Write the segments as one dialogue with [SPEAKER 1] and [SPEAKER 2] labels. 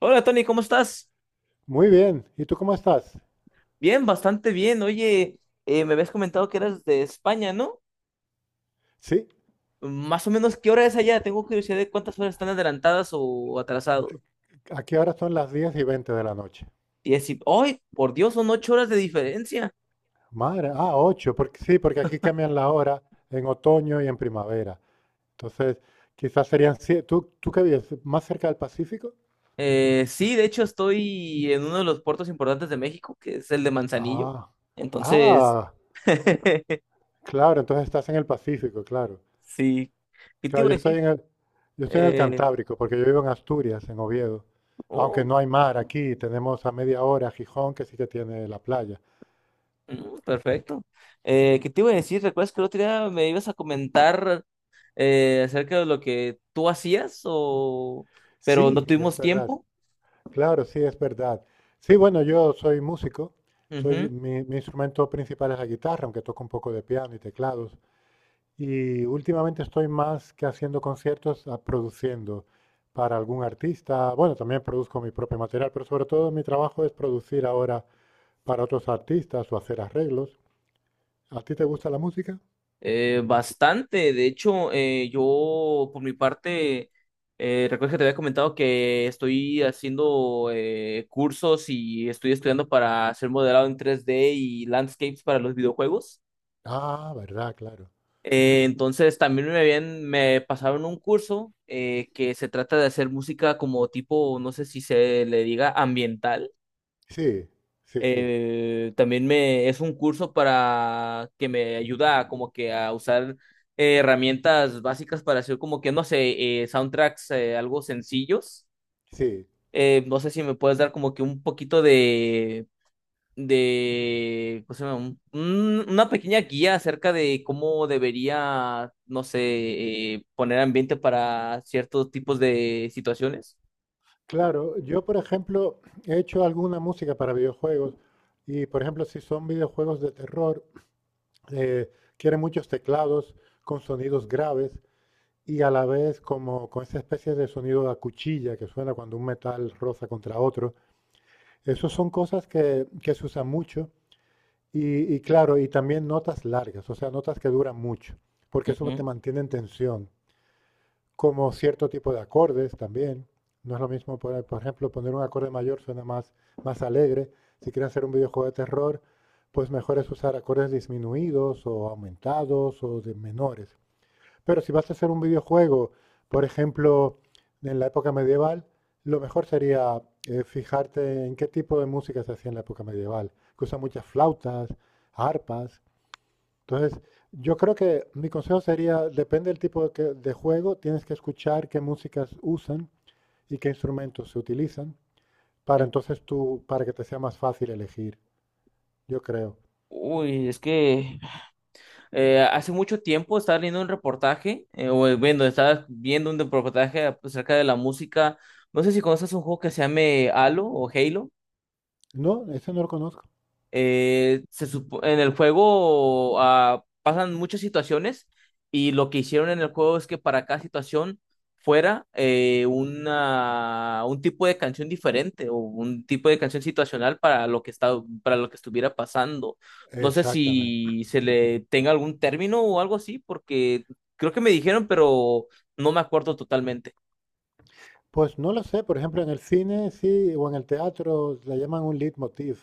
[SPEAKER 1] Hola Tony, ¿cómo estás?
[SPEAKER 2] Muy bien. ¿Y tú cómo estás?
[SPEAKER 1] Bien, bastante bien. Oye, me habías comentado que eras de España, ¿no?
[SPEAKER 2] Sí,
[SPEAKER 1] Más o menos, ¿qué hora es allá? Tengo curiosidad de cuántas horas están adelantadas o atrasadas.
[SPEAKER 2] aquí ahora son las 10 y 20 de la noche.
[SPEAKER 1] Y decir, ¡ay, por Dios, son 8 horas de diferencia!
[SPEAKER 2] Madre, 8, porque, sí, porque aquí cambian la hora en otoño y en primavera. Entonces, quizás serían 7. ¿Tú ¿qué vives? ¿Más cerca del Pacífico?
[SPEAKER 1] Sí, de hecho estoy en uno de los puertos importantes de México, que es el de Manzanillo.
[SPEAKER 2] Ah,
[SPEAKER 1] Entonces,
[SPEAKER 2] ah, claro, entonces estás en el Pacífico, claro.
[SPEAKER 1] sí. ¿Qué te
[SPEAKER 2] Claro,
[SPEAKER 1] iba a decir?
[SPEAKER 2] yo estoy en el
[SPEAKER 1] Eh,
[SPEAKER 2] Cantábrico, porque yo vivo en Asturias, en Oviedo. Aunque
[SPEAKER 1] oh,
[SPEAKER 2] no hay mar aquí, tenemos a media hora Gijón, que sí que tiene la playa.
[SPEAKER 1] mm, perfecto. ¿Qué te iba a decir? ¿Recuerdas que el otro día me ibas a comentar acerca de lo que tú hacías, o... pero no
[SPEAKER 2] Sí, es
[SPEAKER 1] tuvimos
[SPEAKER 2] verdad.
[SPEAKER 1] tiempo?
[SPEAKER 2] Claro, sí, es verdad. Sí, bueno, yo soy músico, soy,
[SPEAKER 1] Ujú.
[SPEAKER 2] mi, mi instrumento principal es la guitarra, aunque toco un poco de piano y teclados. Y últimamente estoy más que haciendo conciertos, a produciendo para algún artista. Bueno, también produzco mi propio material, pero sobre todo mi trabajo es producir ahora para otros artistas o hacer arreglos. ¿A ti te gusta la música?
[SPEAKER 1] Bastante, de hecho, yo por mi parte, recuerdo que te había comentado que estoy haciendo cursos y estoy estudiando para hacer modelado en 3D y landscapes para los videojuegos.
[SPEAKER 2] Ah, verdad, claro.
[SPEAKER 1] Entonces también me pasaron un curso que se trata de hacer música como tipo, no sé si se le diga ambiental.
[SPEAKER 2] Sí, sí, sí,
[SPEAKER 1] También me es un curso para que me ayuda como que a usar herramientas básicas para hacer como que no sé, soundtracks algo sencillos.
[SPEAKER 2] sí.
[SPEAKER 1] No sé si me puedes dar como que un poquito de ¿cómo se llama? Una pequeña guía acerca de cómo debería, no sé, poner ambiente para ciertos tipos de situaciones.
[SPEAKER 2] Claro, yo por ejemplo he hecho alguna música para videojuegos y por ejemplo si son videojuegos de terror, eh, quieren muchos teclados con sonidos graves y a la vez como con esa especie de sonido de cuchilla que suena cuando un metal roza contra otro. Esas son cosas que se usan mucho y claro, y también notas largas, o sea, notas que duran mucho, porque eso
[SPEAKER 1] Ujú.
[SPEAKER 2] te mantiene en tensión como cierto tipo de acordes también. No es lo mismo, poner, por ejemplo, poner un acorde mayor suena más, más alegre. Si quieres hacer un videojuego de terror, pues mejor es usar acordes disminuidos o aumentados o de menores. Pero si vas a hacer un videojuego, por ejemplo, en la época medieval, lo mejor sería fijarte en qué tipo de música se hacía en la época medieval, que usa muchas flautas, arpas, entonces, yo creo que mi consejo sería, depende del tipo de, de juego, tienes que escuchar qué músicas usan y qué instrumentos se utilizan para entonces tú, para que te sea más fácil elegir, yo creo.
[SPEAKER 1] Uy, es que hace mucho tiempo estaba leyendo un reportaje, estaba viendo un reportaje pues, acerca de la música. No sé si conoces un juego que se llame Halo o Halo.
[SPEAKER 2] No, ese no lo conozco.
[SPEAKER 1] En el juego ah, pasan muchas situaciones y lo que hicieron en el juego es que para cada situación fuera un tipo de canción diferente o un tipo de canción situacional para lo que está, para lo que estuviera pasando. No sé
[SPEAKER 2] Exactamente.
[SPEAKER 1] si se le tenga algún término o algo así, porque creo que me dijeron, pero no me acuerdo totalmente.
[SPEAKER 2] Pues no lo sé, por ejemplo, en el cine sí, o en el teatro le llaman un leitmotiv,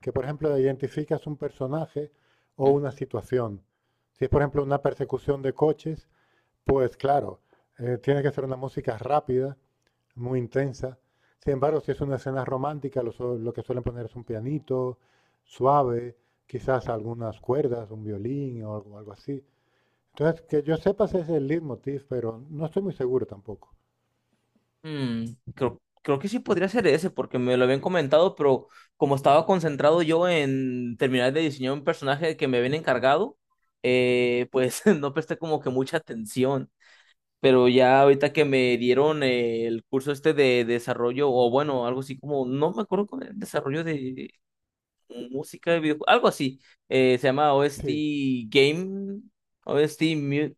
[SPEAKER 2] que por ejemplo identificas un personaje o una situación. Si es por ejemplo una persecución de coches, pues claro, tiene que ser una música rápida muy intensa. Sin embargo, si es una escena romántica, lo que suelen poner es un pianito suave, quizás algunas cuerdas, un violín o algo, algo así. Entonces, que yo sepa ese es el leitmotiv, pero no estoy muy seguro tampoco.
[SPEAKER 1] Mm, creo que sí podría ser ese, porque me lo habían comentado, pero como estaba concentrado yo en terminar de diseñar un personaje que me habían encargado, pues no presté como que mucha atención. Pero ya ahorita que me dieron el curso este de desarrollo, o bueno, algo así como, no me acuerdo con el desarrollo de música de videojuegos, algo así, se llama OST
[SPEAKER 2] Sí.
[SPEAKER 1] Game, OST Mu-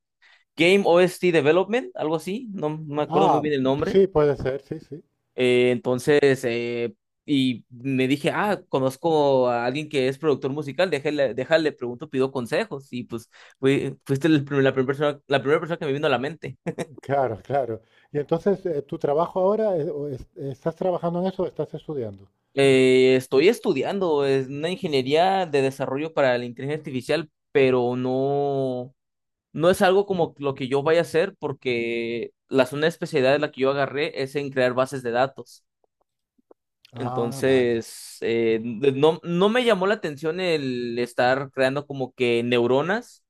[SPEAKER 1] Game OST Development, algo así, no me acuerdo muy
[SPEAKER 2] Ah,
[SPEAKER 1] bien el nombre.
[SPEAKER 2] sí, puede ser, sí, sí.
[SPEAKER 1] Eh, entonces, eh, y me dije, ah, conozco a alguien que es productor musical, déjale, pregunto, pido consejos. Y pues fuiste la primera persona, la primera persona, que me vino a la mente.
[SPEAKER 2] Claro, claro. Y entonces, ¿tu trabajo ahora, estás trabajando en eso o estás estudiando?
[SPEAKER 1] Estoy estudiando es una ingeniería de desarrollo para la inteligencia artificial, pero no, no es algo como lo que yo vaya a hacer porque la zona de especialidad de la que yo agarré es en crear bases de datos.
[SPEAKER 2] Ah, vale.
[SPEAKER 1] Entonces, no, no me llamó la atención el estar creando como que neuronas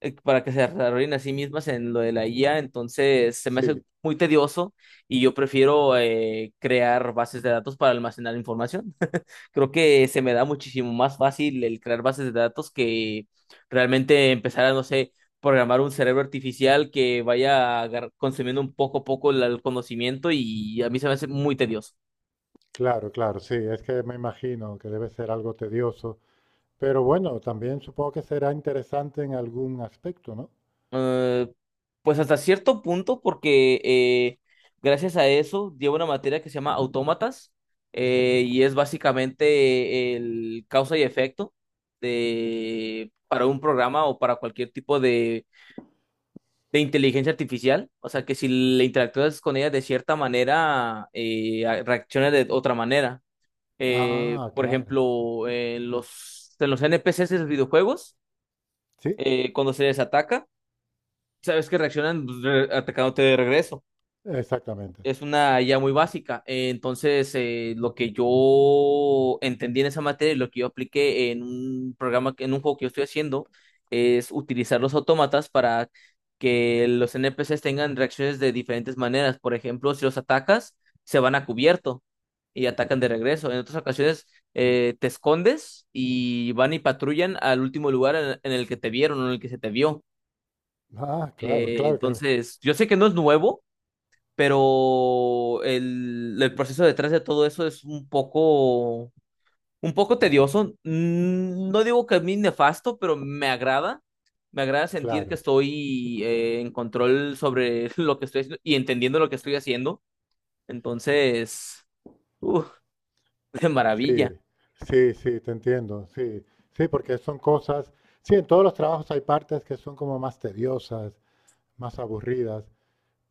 [SPEAKER 1] para que se desarrollen a sí mismas en lo de la IA. Entonces, se me hace
[SPEAKER 2] Sí,
[SPEAKER 1] muy tedioso y yo prefiero crear bases de datos para almacenar información. Creo que se me da muchísimo más fácil el crear bases de datos que realmente empezar a, no sé, programar un cerebro artificial que vaya consumiendo un poco a poco el conocimiento y a mí se me hace muy tedioso.
[SPEAKER 2] claro, claro, sí. Es que me imagino que debe ser algo tedioso. Pero bueno, también supongo que será interesante en algún aspecto, ¿no?
[SPEAKER 1] Eh, pues hasta cierto punto, porque gracias a eso llevo una materia que se llama autómatas, y es básicamente el causa y efecto de, para un programa o para cualquier tipo de inteligencia artificial. O sea, que si le interactúas con ella de cierta manera, reacciona de otra manera.
[SPEAKER 2] Ah,
[SPEAKER 1] Por
[SPEAKER 2] claro.
[SPEAKER 1] ejemplo, en en los N P C's de los videojuegos,
[SPEAKER 2] Sí,
[SPEAKER 1] cuando se les ataca sabes que reaccionan pues, atacándote de regreso.
[SPEAKER 2] exactamente.
[SPEAKER 1] Es una ya muy básica. Entonces, lo que yo entendí en esa materia y lo que yo apliqué en un programa, en un juego que yo estoy haciendo, es utilizar los autómatas para que los NPCs tengan reacciones de diferentes maneras. Por ejemplo, si los atacas, se van a cubierto y atacan de regreso. En otras ocasiones, te escondes y van y patrullan al último lugar en el que te vieron o en el que se te vio.
[SPEAKER 2] Ah, claro,
[SPEAKER 1] Eh,
[SPEAKER 2] claro que,
[SPEAKER 1] entonces, yo sé que no es nuevo, pero el proceso detrás de todo eso es un poco tedioso. Mm, no digo que a mí nefasto, pero me agrada. Me agrada sentir que
[SPEAKER 2] claro.
[SPEAKER 1] estoy en control sobre lo que estoy haciendo y entendiendo lo que estoy haciendo. Entonces, uf, de
[SPEAKER 2] Sí,
[SPEAKER 1] maravilla.
[SPEAKER 2] sí, sí, te entiendo. Sí, sí, porque son cosas. Sí, en todos los trabajos hay partes que son como más tediosas, más aburridas.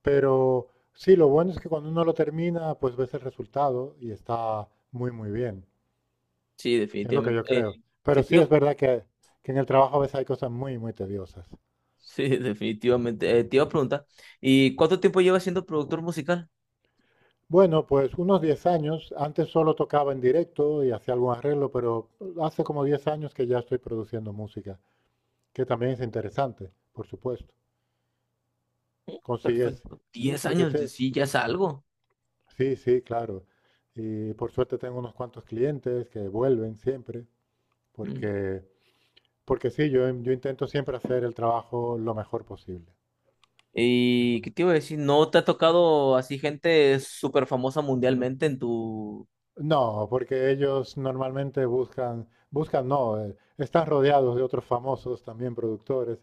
[SPEAKER 2] Pero sí, lo bueno es que cuando uno lo termina, pues ves el resultado y está muy, muy bien.
[SPEAKER 1] Sí,
[SPEAKER 2] Es lo que
[SPEAKER 1] definitivamente.
[SPEAKER 2] yo creo.
[SPEAKER 1] ¿Qué
[SPEAKER 2] Pero
[SPEAKER 1] te
[SPEAKER 2] sí
[SPEAKER 1] iba-
[SPEAKER 2] es verdad que en el trabajo a veces hay cosas muy, muy tediosas.
[SPEAKER 1] Sí, definitivamente. Te iba a preguntar, ¿y cuánto tiempo llevas siendo productor musical?
[SPEAKER 2] Bueno, pues unos 10 años. Antes solo tocaba en directo y hacía algún arreglo, pero hace como 10 años que ya estoy produciendo música, que también es interesante, por supuesto. Consigues,
[SPEAKER 1] Perfecto. diez
[SPEAKER 2] porque
[SPEAKER 1] años,
[SPEAKER 2] te...
[SPEAKER 1] sí, ya es algo.
[SPEAKER 2] Sí, sí, claro. Y por suerte tengo unos cuantos clientes que vuelven siempre,
[SPEAKER 1] Mm.
[SPEAKER 2] porque, porque sí, yo intento siempre hacer el trabajo lo mejor posible. Eso
[SPEAKER 1] ¿Y
[SPEAKER 2] no.
[SPEAKER 1] qué te iba a decir? ¿No te ha tocado así gente súper famosa mundialmente en tu...?
[SPEAKER 2] No, porque ellos normalmente no, están rodeados de otros famosos también productores.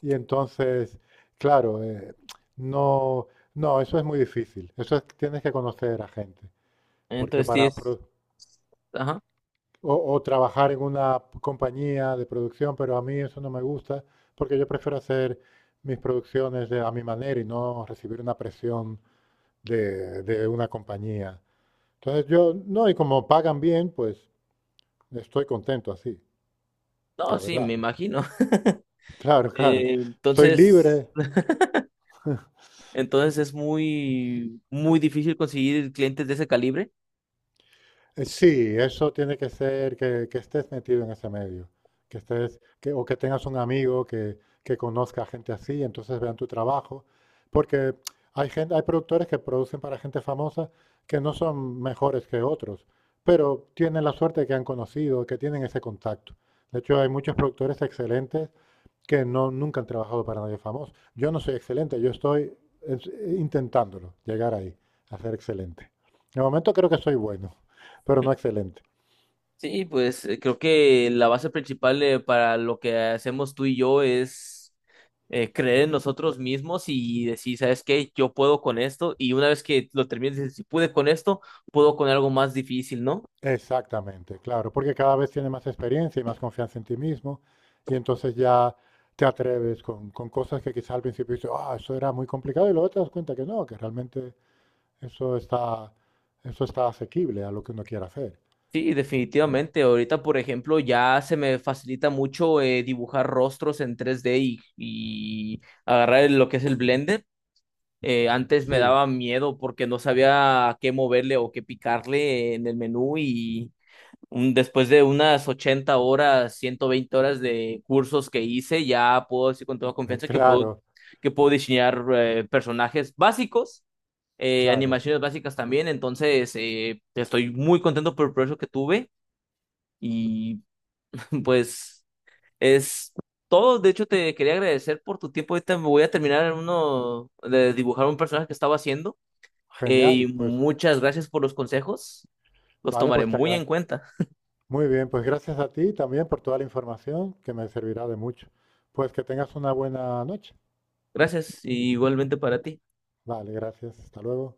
[SPEAKER 2] Y entonces, claro, no, no, eso es muy difícil. Eso es, tienes que conocer a gente, porque
[SPEAKER 1] Entonces, sí
[SPEAKER 2] para
[SPEAKER 1] es...
[SPEAKER 2] pro-
[SPEAKER 1] Ajá.
[SPEAKER 2] o trabajar en una compañía de producción, pero a mí eso no me gusta, porque yo prefiero hacer mis producciones a mi manera y no recibir una presión de una compañía. Entonces yo, no, y como pagan bien, pues estoy contento así,
[SPEAKER 1] No,
[SPEAKER 2] la
[SPEAKER 1] sí, me
[SPEAKER 2] verdad.
[SPEAKER 1] imagino.
[SPEAKER 2] Claro, claro.
[SPEAKER 1] Eh,
[SPEAKER 2] Soy
[SPEAKER 1] entonces,
[SPEAKER 2] libre.
[SPEAKER 1] entonces es muy, muy difícil conseguir clientes de ese calibre.
[SPEAKER 2] Sí, eso tiene que ser que estés metido en ese medio, o que tengas un amigo que conozca gente así, entonces vean tu trabajo, porque hay gente, hay productores que producen para gente famosa que no son mejores que otros, pero tienen la suerte que han conocido, que tienen ese contacto. De hecho, hay muchos productores excelentes que no, nunca han trabajado para nadie famoso. Yo no soy excelente, yo estoy intentándolo, llegar ahí, a ser excelente. De momento creo que soy bueno, pero no excelente.
[SPEAKER 1] Sí, pues creo que la base principal para lo que hacemos tú y yo es creer en nosotros mismos y decir, ¿sabes qué? Yo puedo con esto y una vez que lo termines, dices, si pude con esto, puedo con algo más difícil, ¿no?
[SPEAKER 2] Exactamente, claro, porque cada vez tienes más experiencia y más confianza en ti mismo, y entonces ya te atreves con cosas que quizá al principio dices, ah, eso era muy complicado, y luego te das cuenta que no, que realmente eso está, eso está asequible a lo que uno quiera hacer.
[SPEAKER 1] Sí, definitivamente. Ahorita, por ejemplo, ya se me facilita mucho dibujar rostros en 3D y agarrar lo que es el Blender. Antes me
[SPEAKER 2] Sí,
[SPEAKER 1] daba miedo porque no sabía a qué moverle o qué picarle en el menú. Después de unas 80 horas, 120 horas de cursos que hice, ya puedo decir con toda confianza que
[SPEAKER 2] claro,
[SPEAKER 1] que puedo diseñar personajes básicos,
[SPEAKER 2] claro.
[SPEAKER 1] animaciones básicas también. Entonces, estoy muy contento por el proceso que tuve y pues es todo. De hecho, te quería agradecer por tu tiempo. Ahorita me voy a terminar en uno de dibujar un personaje que estaba haciendo.
[SPEAKER 2] Genial,
[SPEAKER 1] Y
[SPEAKER 2] pues
[SPEAKER 1] muchas gracias por los consejos. Los
[SPEAKER 2] vale,
[SPEAKER 1] tomaré
[SPEAKER 2] pues te
[SPEAKER 1] muy
[SPEAKER 2] agra-
[SPEAKER 1] en cuenta.
[SPEAKER 2] muy bien, pues gracias a ti también por toda la información que me servirá de mucho. Pues que tengas una buena noche.
[SPEAKER 1] Gracias, y igualmente para ti.
[SPEAKER 2] Vale, gracias. Hasta luego.